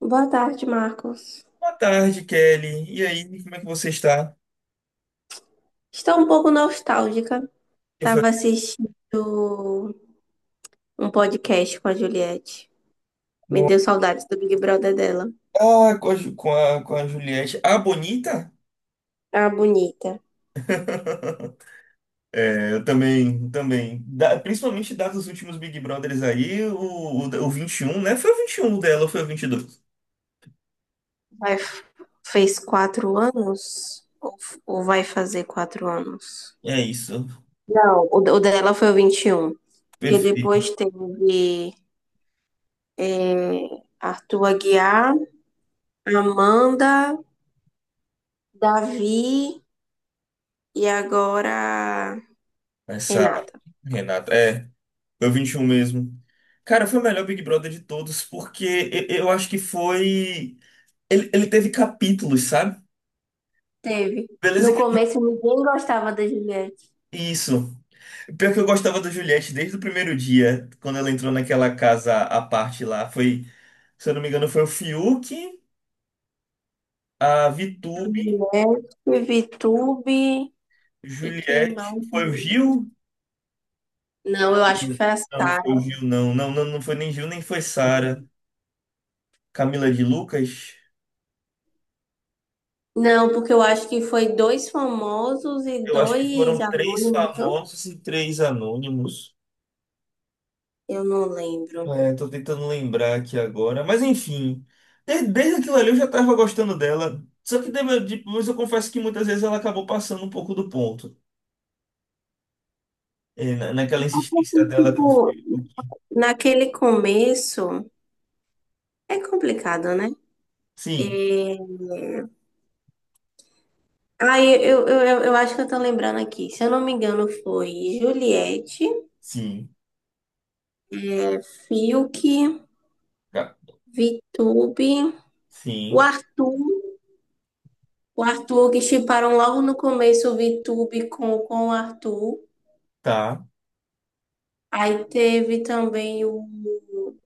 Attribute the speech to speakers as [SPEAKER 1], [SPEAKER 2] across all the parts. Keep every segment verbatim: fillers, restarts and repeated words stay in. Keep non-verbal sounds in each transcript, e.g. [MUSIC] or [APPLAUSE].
[SPEAKER 1] Boa tarde, Marcos.
[SPEAKER 2] Boa tarde, Kelly. E aí, como é que você está?
[SPEAKER 1] Estou um pouco nostálgica.
[SPEAKER 2] Eu
[SPEAKER 1] Estava
[SPEAKER 2] falei,
[SPEAKER 1] assistindo um podcast com a Juliette. Me deu saudades do Big Brother dela.
[SPEAKER 2] ah, com a, Ju- com a, com a Juliette. Ah, bonita?
[SPEAKER 1] A bonita.
[SPEAKER 2] [LAUGHS] É, eu também, também. Da- principalmente dados os últimos Big Brothers aí, o, o, da- o vinte e um, né? Foi o vinte e um dela ou foi o vinte e dois.
[SPEAKER 1] Vai, fez quatro anos? Ou, ou vai fazer quatro anos?
[SPEAKER 2] É isso.
[SPEAKER 1] Não, o, o dela foi o vinte e um. Porque
[SPEAKER 2] Perfeito.
[SPEAKER 1] depois teve é, Arthur Aguiar, Amanda, Davi e agora
[SPEAKER 2] Essa
[SPEAKER 1] Renata.
[SPEAKER 2] Renata. É, foi o vinte e um mesmo. Cara, foi o melhor Big Brother de todos, porque eu, eu acho que foi. Ele, ele teve capítulos, sabe?
[SPEAKER 1] Teve.
[SPEAKER 2] Beleza.
[SPEAKER 1] No começo ninguém gostava da Juliette.
[SPEAKER 2] Isso. Pior que eu gostava da Juliette desde o primeiro dia, quando ela entrou naquela casa à parte lá. Foi, se eu não me engano, foi o Fiuk, a Vitube,
[SPEAKER 1] Teve Vitube e quem
[SPEAKER 2] Juliette.
[SPEAKER 1] mais?
[SPEAKER 2] Foi o Gil?
[SPEAKER 1] Não, eu acho que foi a
[SPEAKER 2] Não, foi o
[SPEAKER 1] Sara.
[SPEAKER 2] Gil, não. Não, não, não foi nem Gil, nem foi Sara. Camila de Lucas.
[SPEAKER 1] Não, porque eu acho que foi dois famosos e
[SPEAKER 2] Eu acho que
[SPEAKER 1] dois
[SPEAKER 2] foram três
[SPEAKER 1] anônimos, não?
[SPEAKER 2] famosos e três anônimos.
[SPEAKER 1] Eu não lembro.
[SPEAKER 2] É, tô tentando lembrar aqui agora. Mas enfim, de- desde aquilo ali eu já tava gostando dela. Só que deve- depois eu confesso que muitas vezes ela acabou passando um pouco do ponto. É, na- naquela insistência
[SPEAKER 1] E,
[SPEAKER 2] dela com o
[SPEAKER 1] tipo,
[SPEAKER 2] filho.
[SPEAKER 1] naquele começo é complicado, né?
[SPEAKER 2] Sim,
[SPEAKER 1] Aí eu, eu, eu, eu acho que eu tô lembrando aqui. Se eu não me engano, foi Juliette,
[SPEAKER 2] sim,
[SPEAKER 1] Fiuk,
[SPEAKER 2] tá,
[SPEAKER 1] Vitube, o
[SPEAKER 2] sim,
[SPEAKER 1] Arthur. O Arthur, que shipparam logo no começo o VTube com, com o Arthur.
[SPEAKER 2] tá.
[SPEAKER 1] Aí teve também o,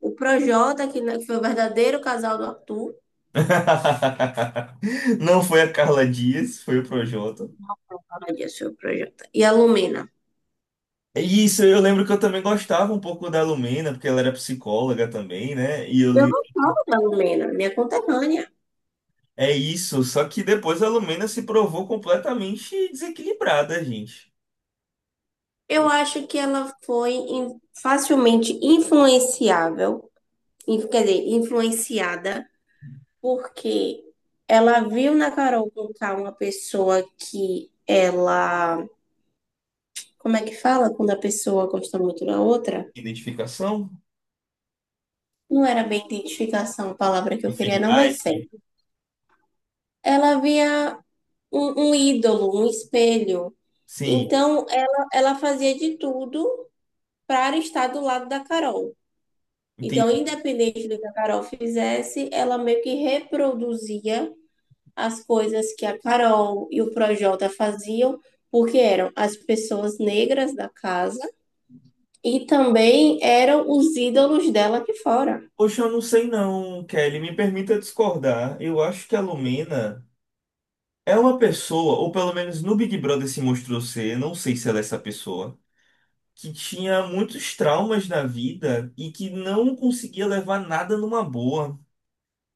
[SPEAKER 1] o Projota, que, né, que foi o verdadeiro casal do Arthur.
[SPEAKER 2] [LAUGHS] Não foi a Carla Dias, foi o Projota.
[SPEAKER 1] Fala disso, foi o Projota. E a Lumena.
[SPEAKER 2] E isso eu lembro que eu também gostava um pouco da Lumena, porque ela era psicóloga também, né? E eu
[SPEAKER 1] Eu
[SPEAKER 2] lembro.
[SPEAKER 1] não falo da Lumena, minha conterrânea.
[SPEAKER 2] É isso, só que depois a Lumena se provou completamente desequilibrada, gente.
[SPEAKER 1] Eu acho que ela foi in- facilmente influenciável, in- quer dizer, influenciada, porque ela viu na Carol Conká uma pessoa que ela, como é que fala quando a pessoa gosta muito da outra?
[SPEAKER 2] Identificação?
[SPEAKER 1] Não era bem identificação a palavra que eu queria, não, mas
[SPEAKER 2] Afinidade?
[SPEAKER 1] sei. Ela via um, um ídolo, um espelho.
[SPEAKER 2] Sim,
[SPEAKER 1] Então, ela, ela fazia de tudo para estar do lado da Carol. Então,
[SPEAKER 2] entendi.
[SPEAKER 1] independente do que a Carol fizesse, ela meio que reproduzia as coisas que a Carol e o Projota faziam, porque eram as pessoas negras da casa, e também eram os ídolos dela aqui fora.
[SPEAKER 2] Poxa, eu não sei não, Kelly. Me permita discordar. Eu acho que a Lumena é uma pessoa, ou pelo menos no Big Brother se mostrou ser, não sei se ela é essa pessoa, que tinha muitos traumas na vida e que não conseguia levar nada numa boa.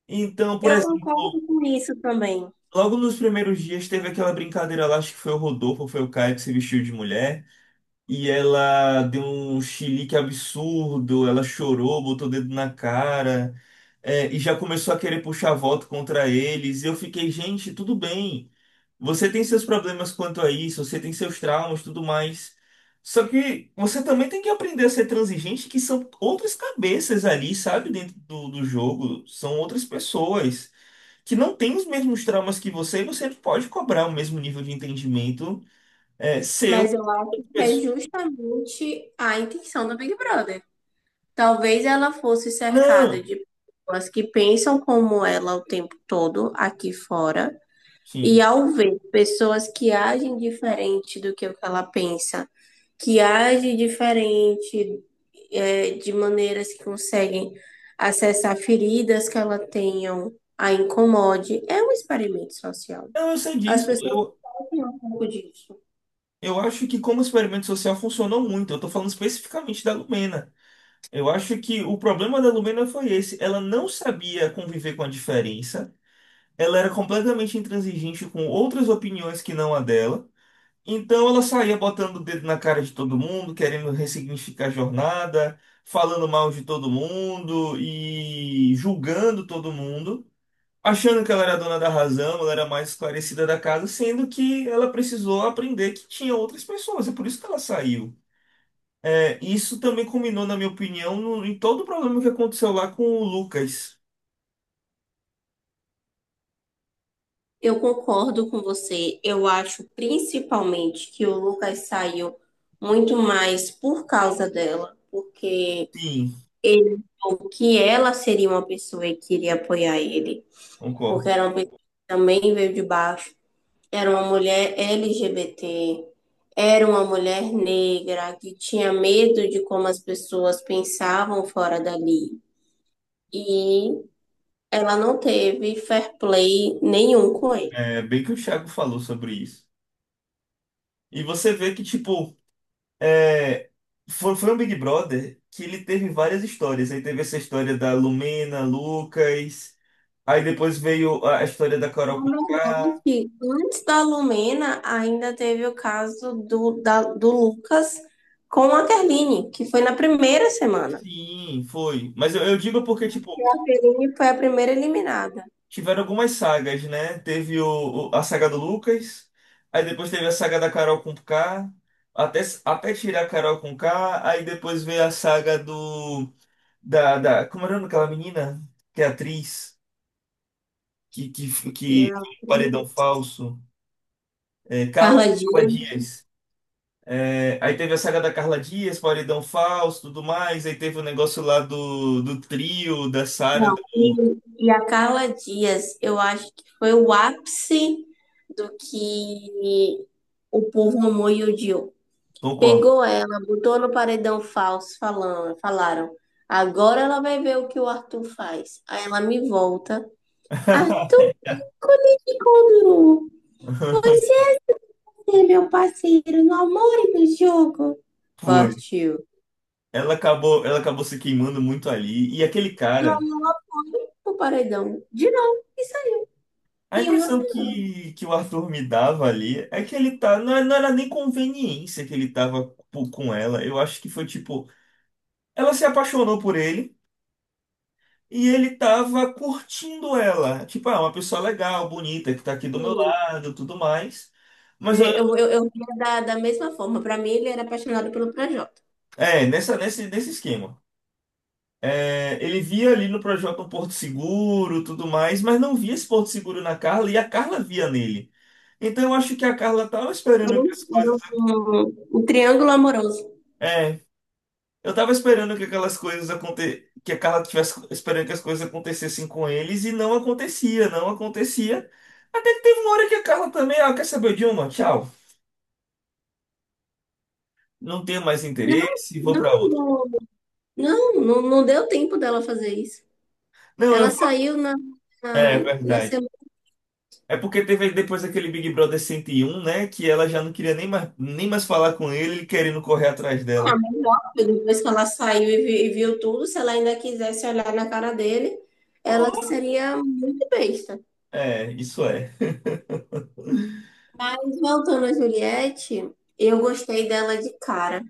[SPEAKER 2] Então, por
[SPEAKER 1] Eu
[SPEAKER 2] exemplo,
[SPEAKER 1] concordo com isso também,
[SPEAKER 2] logo nos primeiros dias teve aquela brincadeira lá, acho que foi o Rodolfo, foi o Caio que se vestiu de mulher. E ela deu um chilique absurdo, ela chorou, botou o dedo na cara, é, e já começou a querer puxar voto contra eles. E eu fiquei, gente, tudo bem. Você tem seus problemas quanto a isso, você tem seus traumas, tudo mais. Só que você também tem que aprender a ser transigente, que são outras cabeças ali, sabe, dentro do, do jogo. São outras pessoas que não têm os mesmos traumas que você, e você não pode cobrar o mesmo nível de entendimento, é, seu.
[SPEAKER 1] mas eu acho que é
[SPEAKER 2] Pessoa-
[SPEAKER 1] justamente a intenção do Big Brother. Talvez ela fosse cercada
[SPEAKER 2] Não.
[SPEAKER 1] de pessoas que pensam como ela o tempo todo aqui fora, e
[SPEAKER 2] Sim.
[SPEAKER 1] ao ver pessoas que agem diferente do que o que ela pensa, que agem diferente, é, de maneiras que conseguem acessar feridas que ela tenham, a incomode, é um experimento social.
[SPEAKER 2] Não, eu sei
[SPEAKER 1] As
[SPEAKER 2] disso.
[SPEAKER 1] pessoas
[SPEAKER 2] Eu,
[SPEAKER 1] fazem um pouco disso.
[SPEAKER 2] eu acho que como experimento social funcionou muito. Eu tô falando especificamente da Lumena. Eu acho que o problema da Lumena foi esse. Ela não sabia conviver com a diferença. Ela era completamente intransigente com outras opiniões que não a dela. Então ela saía botando o dedo na cara de todo mundo, querendo ressignificar a jornada, falando mal de todo mundo e julgando todo mundo, achando que ela era dona da razão, ela era mais esclarecida da casa, sendo que ela precisou aprender que tinha outras pessoas, é por isso que ela saiu. É, isso também culminou, na minha opinião, no- em todo o problema que aconteceu lá com o Lucas.
[SPEAKER 1] Eu concordo com você. Eu acho principalmente que o Lucas saiu muito mais por causa dela, porque
[SPEAKER 2] Sim,
[SPEAKER 1] ele achou que ela seria uma pessoa que iria apoiar ele, porque
[SPEAKER 2] concordo.
[SPEAKER 1] era uma pessoa que também veio de baixo, era uma mulher L G B T, era uma mulher negra que tinha medo de como as pessoas pensavam fora dali. E ela não teve fair play nenhum com ele.
[SPEAKER 2] É bem que o Thiago falou sobre isso. E você vê que, tipo, é, foi, foi um Big Brother que ele teve várias histórias. Aí teve essa história da Lumena, Lucas, aí depois veio a a história da Carol
[SPEAKER 1] Na
[SPEAKER 2] com
[SPEAKER 1] verdade,
[SPEAKER 2] K.
[SPEAKER 1] antes da Lumena, ainda teve o caso do, da- do Lucas com a Kerline, que foi na primeira semana.
[SPEAKER 2] Sim, foi. Mas eu, eu digo porque,
[SPEAKER 1] E
[SPEAKER 2] tipo,
[SPEAKER 1] a Kerline foi a primeira eliminada.
[SPEAKER 2] tiveram algumas sagas, né? Teve o, o- a saga do Lucas, aí depois teve a saga da Carol com K, até, até tirar a Carol com K, aí depois veio a saga do. Da, da, como era o nome daquela menina? Que é atriz, que, que,
[SPEAKER 1] E
[SPEAKER 2] que
[SPEAKER 1] a
[SPEAKER 2] paredão falso. É, Carla,
[SPEAKER 1] Carla
[SPEAKER 2] Carla
[SPEAKER 1] Dias.
[SPEAKER 2] Dias. É, aí teve a saga da Carla Dias, Paredão Falso, tudo mais. Aí teve o negócio lá do, do trio, da Sara,
[SPEAKER 1] Não,
[SPEAKER 2] do
[SPEAKER 1] e, e a Carla Dias, eu acho que foi o ápice do que o povo amou e odiou.
[SPEAKER 2] Tom Cor.
[SPEAKER 1] Pegou ela, botou no paredão falso, falando, falaram. Agora ela vai ver o que o Arthur faz. Aí ela me volta. Arthur,
[SPEAKER 2] [LAUGHS]
[SPEAKER 1] conectou. Você é ser meu parceiro no amor e no jogo.
[SPEAKER 2] Foi.
[SPEAKER 1] Partiu.
[SPEAKER 2] Ela acabou, ela acabou se queimando muito ali. E aquele cara,
[SPEAKER 1] O paredão. De novo, isso aí.
[SPEAKER 2] a
[SPEAKER 1] Em uma
[SPEAKER 2] impressão
[SPEAKER 1] semana.
[SPEAKER 2] que, que o Arthur me dava ali é que ele tá. Não, é- não era nem conveniência que ele tava po- com ela. Eu acho que foi tipo. Ela se apaixonou por ele e ele tava curtindo ela. Tipo, ah, uma pessoa legal, bonita, que tá aqui do meu
[SPEAKER 1] Sim.
[SPEAKER 2] lado, tudo mais. Mas eu,
[SPEAKER 1] Eu, eu, eu via da, da mesma forma. Pra mim, ele era apaixonado pelo Projota.
[SPEAKER 2] é, nessa, nesse, nesse esquema. É, ele via ali no projeto um Porto Seguro, tudo mais, mas não via esse Porto Seguro na Carla e a Carla via nele. Então eu acho que a Carla tava
[SPEAKER 1] Era
[SPEAKER 2] esperando
[SPEAKER 1] um,
[SPEAKER 2] que as
[SPEAKER 1] era
[SPEAKER 2] coisas.
[SPEAKER 1] um- um triângulo amoroso.
[SPEAKER 2] É, eu tava esperando que aquelas coisas aconte... que a Carla tivesse esperando que as coisas acontecessem com eles e não acontecia, não acontecia. Até que teve uma hora que a Carla também, ah, quer saber de uma? Tchau. Não tenho mais
[SPEAKER 1] Não,
[SPEAKER 2] interesse, vou pra
[SPEAKER 1] não,
[SPEAKER 2] outra.
[SPEAKER 1] não, não, não, não deu tempo dela fazer isso.
[SPEAKER 2] Não, eu.
[SPEAKER 1] Ela
[SPEAKER 2] fa-
[SPEAKER 1] saiu na,
[SPEAKER 2] É, é
[SPEAKER 1] na, na
[SPEAKER 2] verdade.
[SPEAKER 1] semana.
[SPEAKER 2] É porque teve depois aquele Big Brother cento e um, né? Que ela já não queria nem mais, nem mais falar com ele, ele querendo correr atrás
[SPEAKER 1] Ah,
[SPEAKER 2] dela.
[SPEAKER 1] mas nossa, depois que ela saiu e vi- e viu tudo, se ela ainda quisesse olhar na cara dele, ela
[SPEAKER 2] Oh.
[SPEAKER 1] seria muito besta.
[SPEAKER 2] É, isso é.
[SPEAKER 1] Mas voltando a Juliette, eu gostei dela de cara.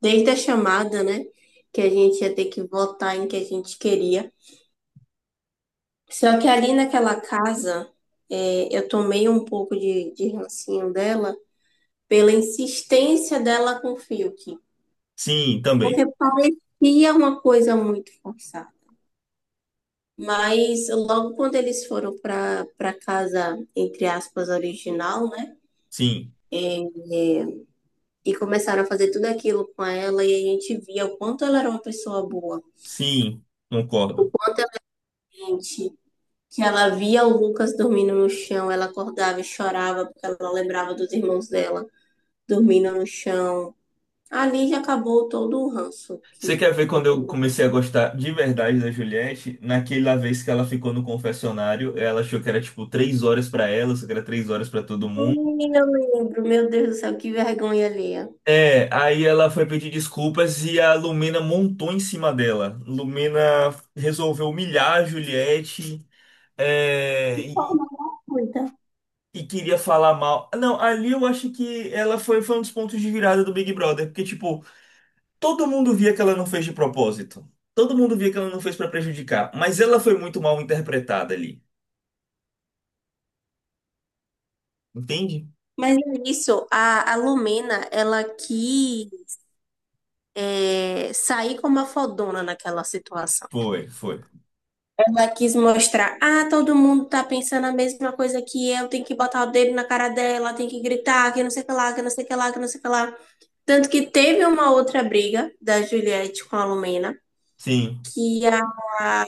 [SPEAKER 1] Desde a chamada, né? Que a gente ia ter que votar em que a gente queria. Só que ali naquela casa, é, eu tomei um pouco de, de rancinho dela pela insistência dela com o Fiuk.
[SPEAKER 2] Sim,
[SPEAKER 1] Porque
[SPEAKER 2] também.
[SPEAKER 1] parecia uma coisa muito forçada. Mas logo quando eles foram para para casa, entre aspas, original, né?
[SPEAKER 2] Sim,
[SPEAKER 1] É, é, e começaram a fazer tudo aquilo com ela, e a gente via o quanto ela era uma pessoa boa.
[SPEAKER 2] sim, concordo.
[SPEAKER 1] Quanto a gente, que ela via o Lucas dormindo no chão, ela acordava e chorava porque ela lembrava dos irmãos dela dormindo no chão. Ali já acabou todo o ranço
[SPEAKER 2] Você
[SPEAKER 1] que
[SPEAKER 2] quer ver
[SPEAKER 1] eu
[SPEAKER 2] quando eu
[SPEAKER 1] pude.
[SPEAKER 2] comecei a gostar de verdade da Juliette? Naquela vez que ela ficou no confessionário, ela achou que era tipo três horas pra ela, só que era três horas pra todo mundo.
[SPEAKER 1] Ih, eu lembro, meu Deus do céu, que vergonha alheia.
[SPEAKER 2] É, aí ela foi pedir desculpas e a Lumena montou em cima dela. Lumena resolveu humilhar a Juliette, é,
[SPEAKER 1] De
[SPEAKER 2] e,
[SPEAKER 1] forma gratuita.
[SPEAKER 2] e queria falar mal. Não, ali eu acho que ela foi, foi um dos pontos de virada do Big Brother, porque, tipo, todo mundo via que ela não fez de propósito. Todo mundo via que ela não fez pra prejudicar, mas ela foi muito mal interpretada ali. Entende?
[SPEAKER 1] Mas é isso, a, a Lumena, ela quis, é, sair como a fodona naquela situação.
[SPEAKER 2] Foi, foi.
[SPEAKER 1] Ela quis mostrar, ah, todo mundo tá pensando a mesma coisa que eu, tem que botar o dedo na cara dela, tem que gritar, que não sei o que lá, que não sei o que lá, que não sei o que lá. Tanto que teve uma outra briga da Juliette com a Lumena,
[SPEAKER 2] Sim.
[SPEAKER 1] que a,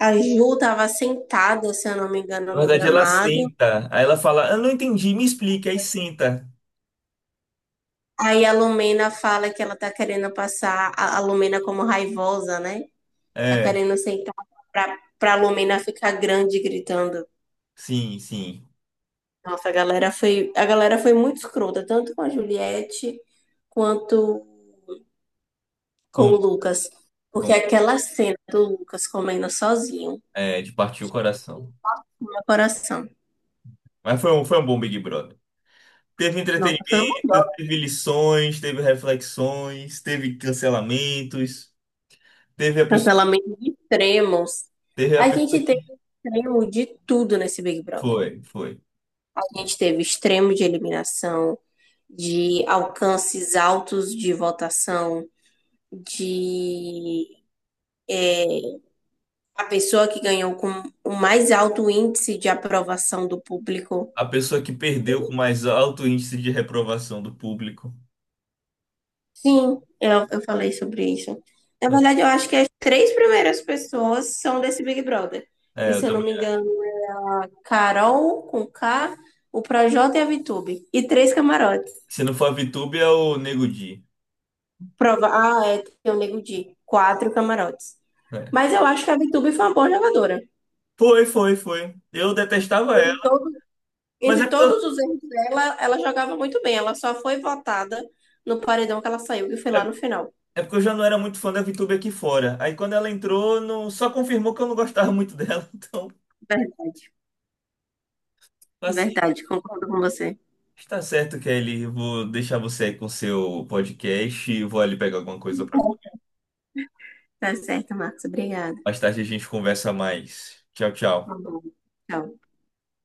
[SPEAKER 1] a Ju tava sentada, se eu não me engano,
[SPEAKER 2] Na
[SPEAKER 1] no
[SPEAKER 2] verdade, ela
[SPEAKER 1] gramado.
[SPEAKER 2] senta. Aí ela fala, eu não entendi, me explica. Aí senta.
[SPEAKER 1] Aí a Lumena fala que ela tá querendo passar a, a Lumena como raivosa, né? Tá
[SPEAKER 2] É,
[SPEAKER 1] querendo sentar pra, pra Lumena ficar grande gritando.
[SPEAKER 2] sim, sim.
[SPEAKER 1] Nossa, a galera foi, a galera foi muito escrota, tanto com a Juliette quanto com
[SPEAKER 2] Com,
[SPEAKER 1] o Lucas. Porque
[SPEAKER 2] com-
[SPEAKER 1] aquela cena do Lucas comendo sozinho,
[SPEAKER 2] É, de partir o coração.
[SPEAKER 1] no meu coração.
[SPEAKER 2] Mas foi um, foi um bom Big Brother. Teve
[SPEAKER 1] Nossa, foi um
[SPEAKER 2] entretenimento, teve lições, teve reflexões, teve cancelamentos, teve a pessoa,
[SPEAKER 1] cancelamento de extremos.
[SPEAKER 2] teve a
[SPEAKER 1] A
[SPEAKER 2] pessoa
[SPEAKER 1] gente teve
[SPEAKER 2] que
[SPEAKER 1] extremo de tudo nesse Big Brother.
[SPEAKER 2] foi, foi.
[SPEAKER 1] A gente teve extremo de eliminação, de alcances altos de votação, de. A pessoa que ganhou com o mais alto índice de aprovação do público.
[SPEAKER 2] A pessoa que perdeu com mais alto índice de reprovação do público.
[SPEAKER 1] Sim, eu, eu falei sobre isso. Na verdade, eu acho que as três primeiras pessoas são desse Big Brother.
[SPEAKER 2] É,
[SPEAKER 1] Que,
[SPEAKER 2] eu
[SPEAKER 1] se eu não
[SPEAKER 2] também
[SPEAKER 1] me
[SPEAKER 2] acho.
[SPEAKER 1] engano, Carol com K, o Projota e a Vitube. E três camarotes.
[SPEAKER 2] Se não for a VTube, é o Nego Di.
[SPEAKER 1] Prova... Ah, é, tem o Nego Di. Quatro camarotes.
[SPEAKER 2] É.
[SPEAKER 1] Mas eu acho que a Vitube foi uma boa jogadora.
[SPEAKER 2] Foi, foi, foi. Eu detestava
[SPEAKER 1] Entre
[SPEAKER 2] ela,
[SPEAKER 1] todos,
[SPEAKER 2] mas
[SPEAKER 1] entre
[SPEAKER 2] é porque eu,
[SPEAKER 1] todos os erros dela, ela jogava muito bem. Ela só foi votada no paredão que ela saiu, que foi
[SPEAKER 2] é,
[SPEAKER 1] lá no final.
[SPEAKER 2] é porque eu já não era muito fã da VTube aqui fora. Aí quando ela entrou, não, só confirmou que eu não gostava muito dela. [LAUGHS] Então,
[SPEAKER 1] Verdade,
[SPEAKER 2] assim,
[SPEAKER 1] verdade, concordo com você.
[SPEAKER 2] está certo, Kelly. Eu vou deixar você aí com seu podcast e vou ali pegar alguma coisa para comer.
[SPEAKER 1] Tá certo, Marcos. Obrigada.
[SPEAKER 2] Mais tarde a gente conversa mais. Tchau, tchau.
[SPEAKER 1] Tá bom. Tchau.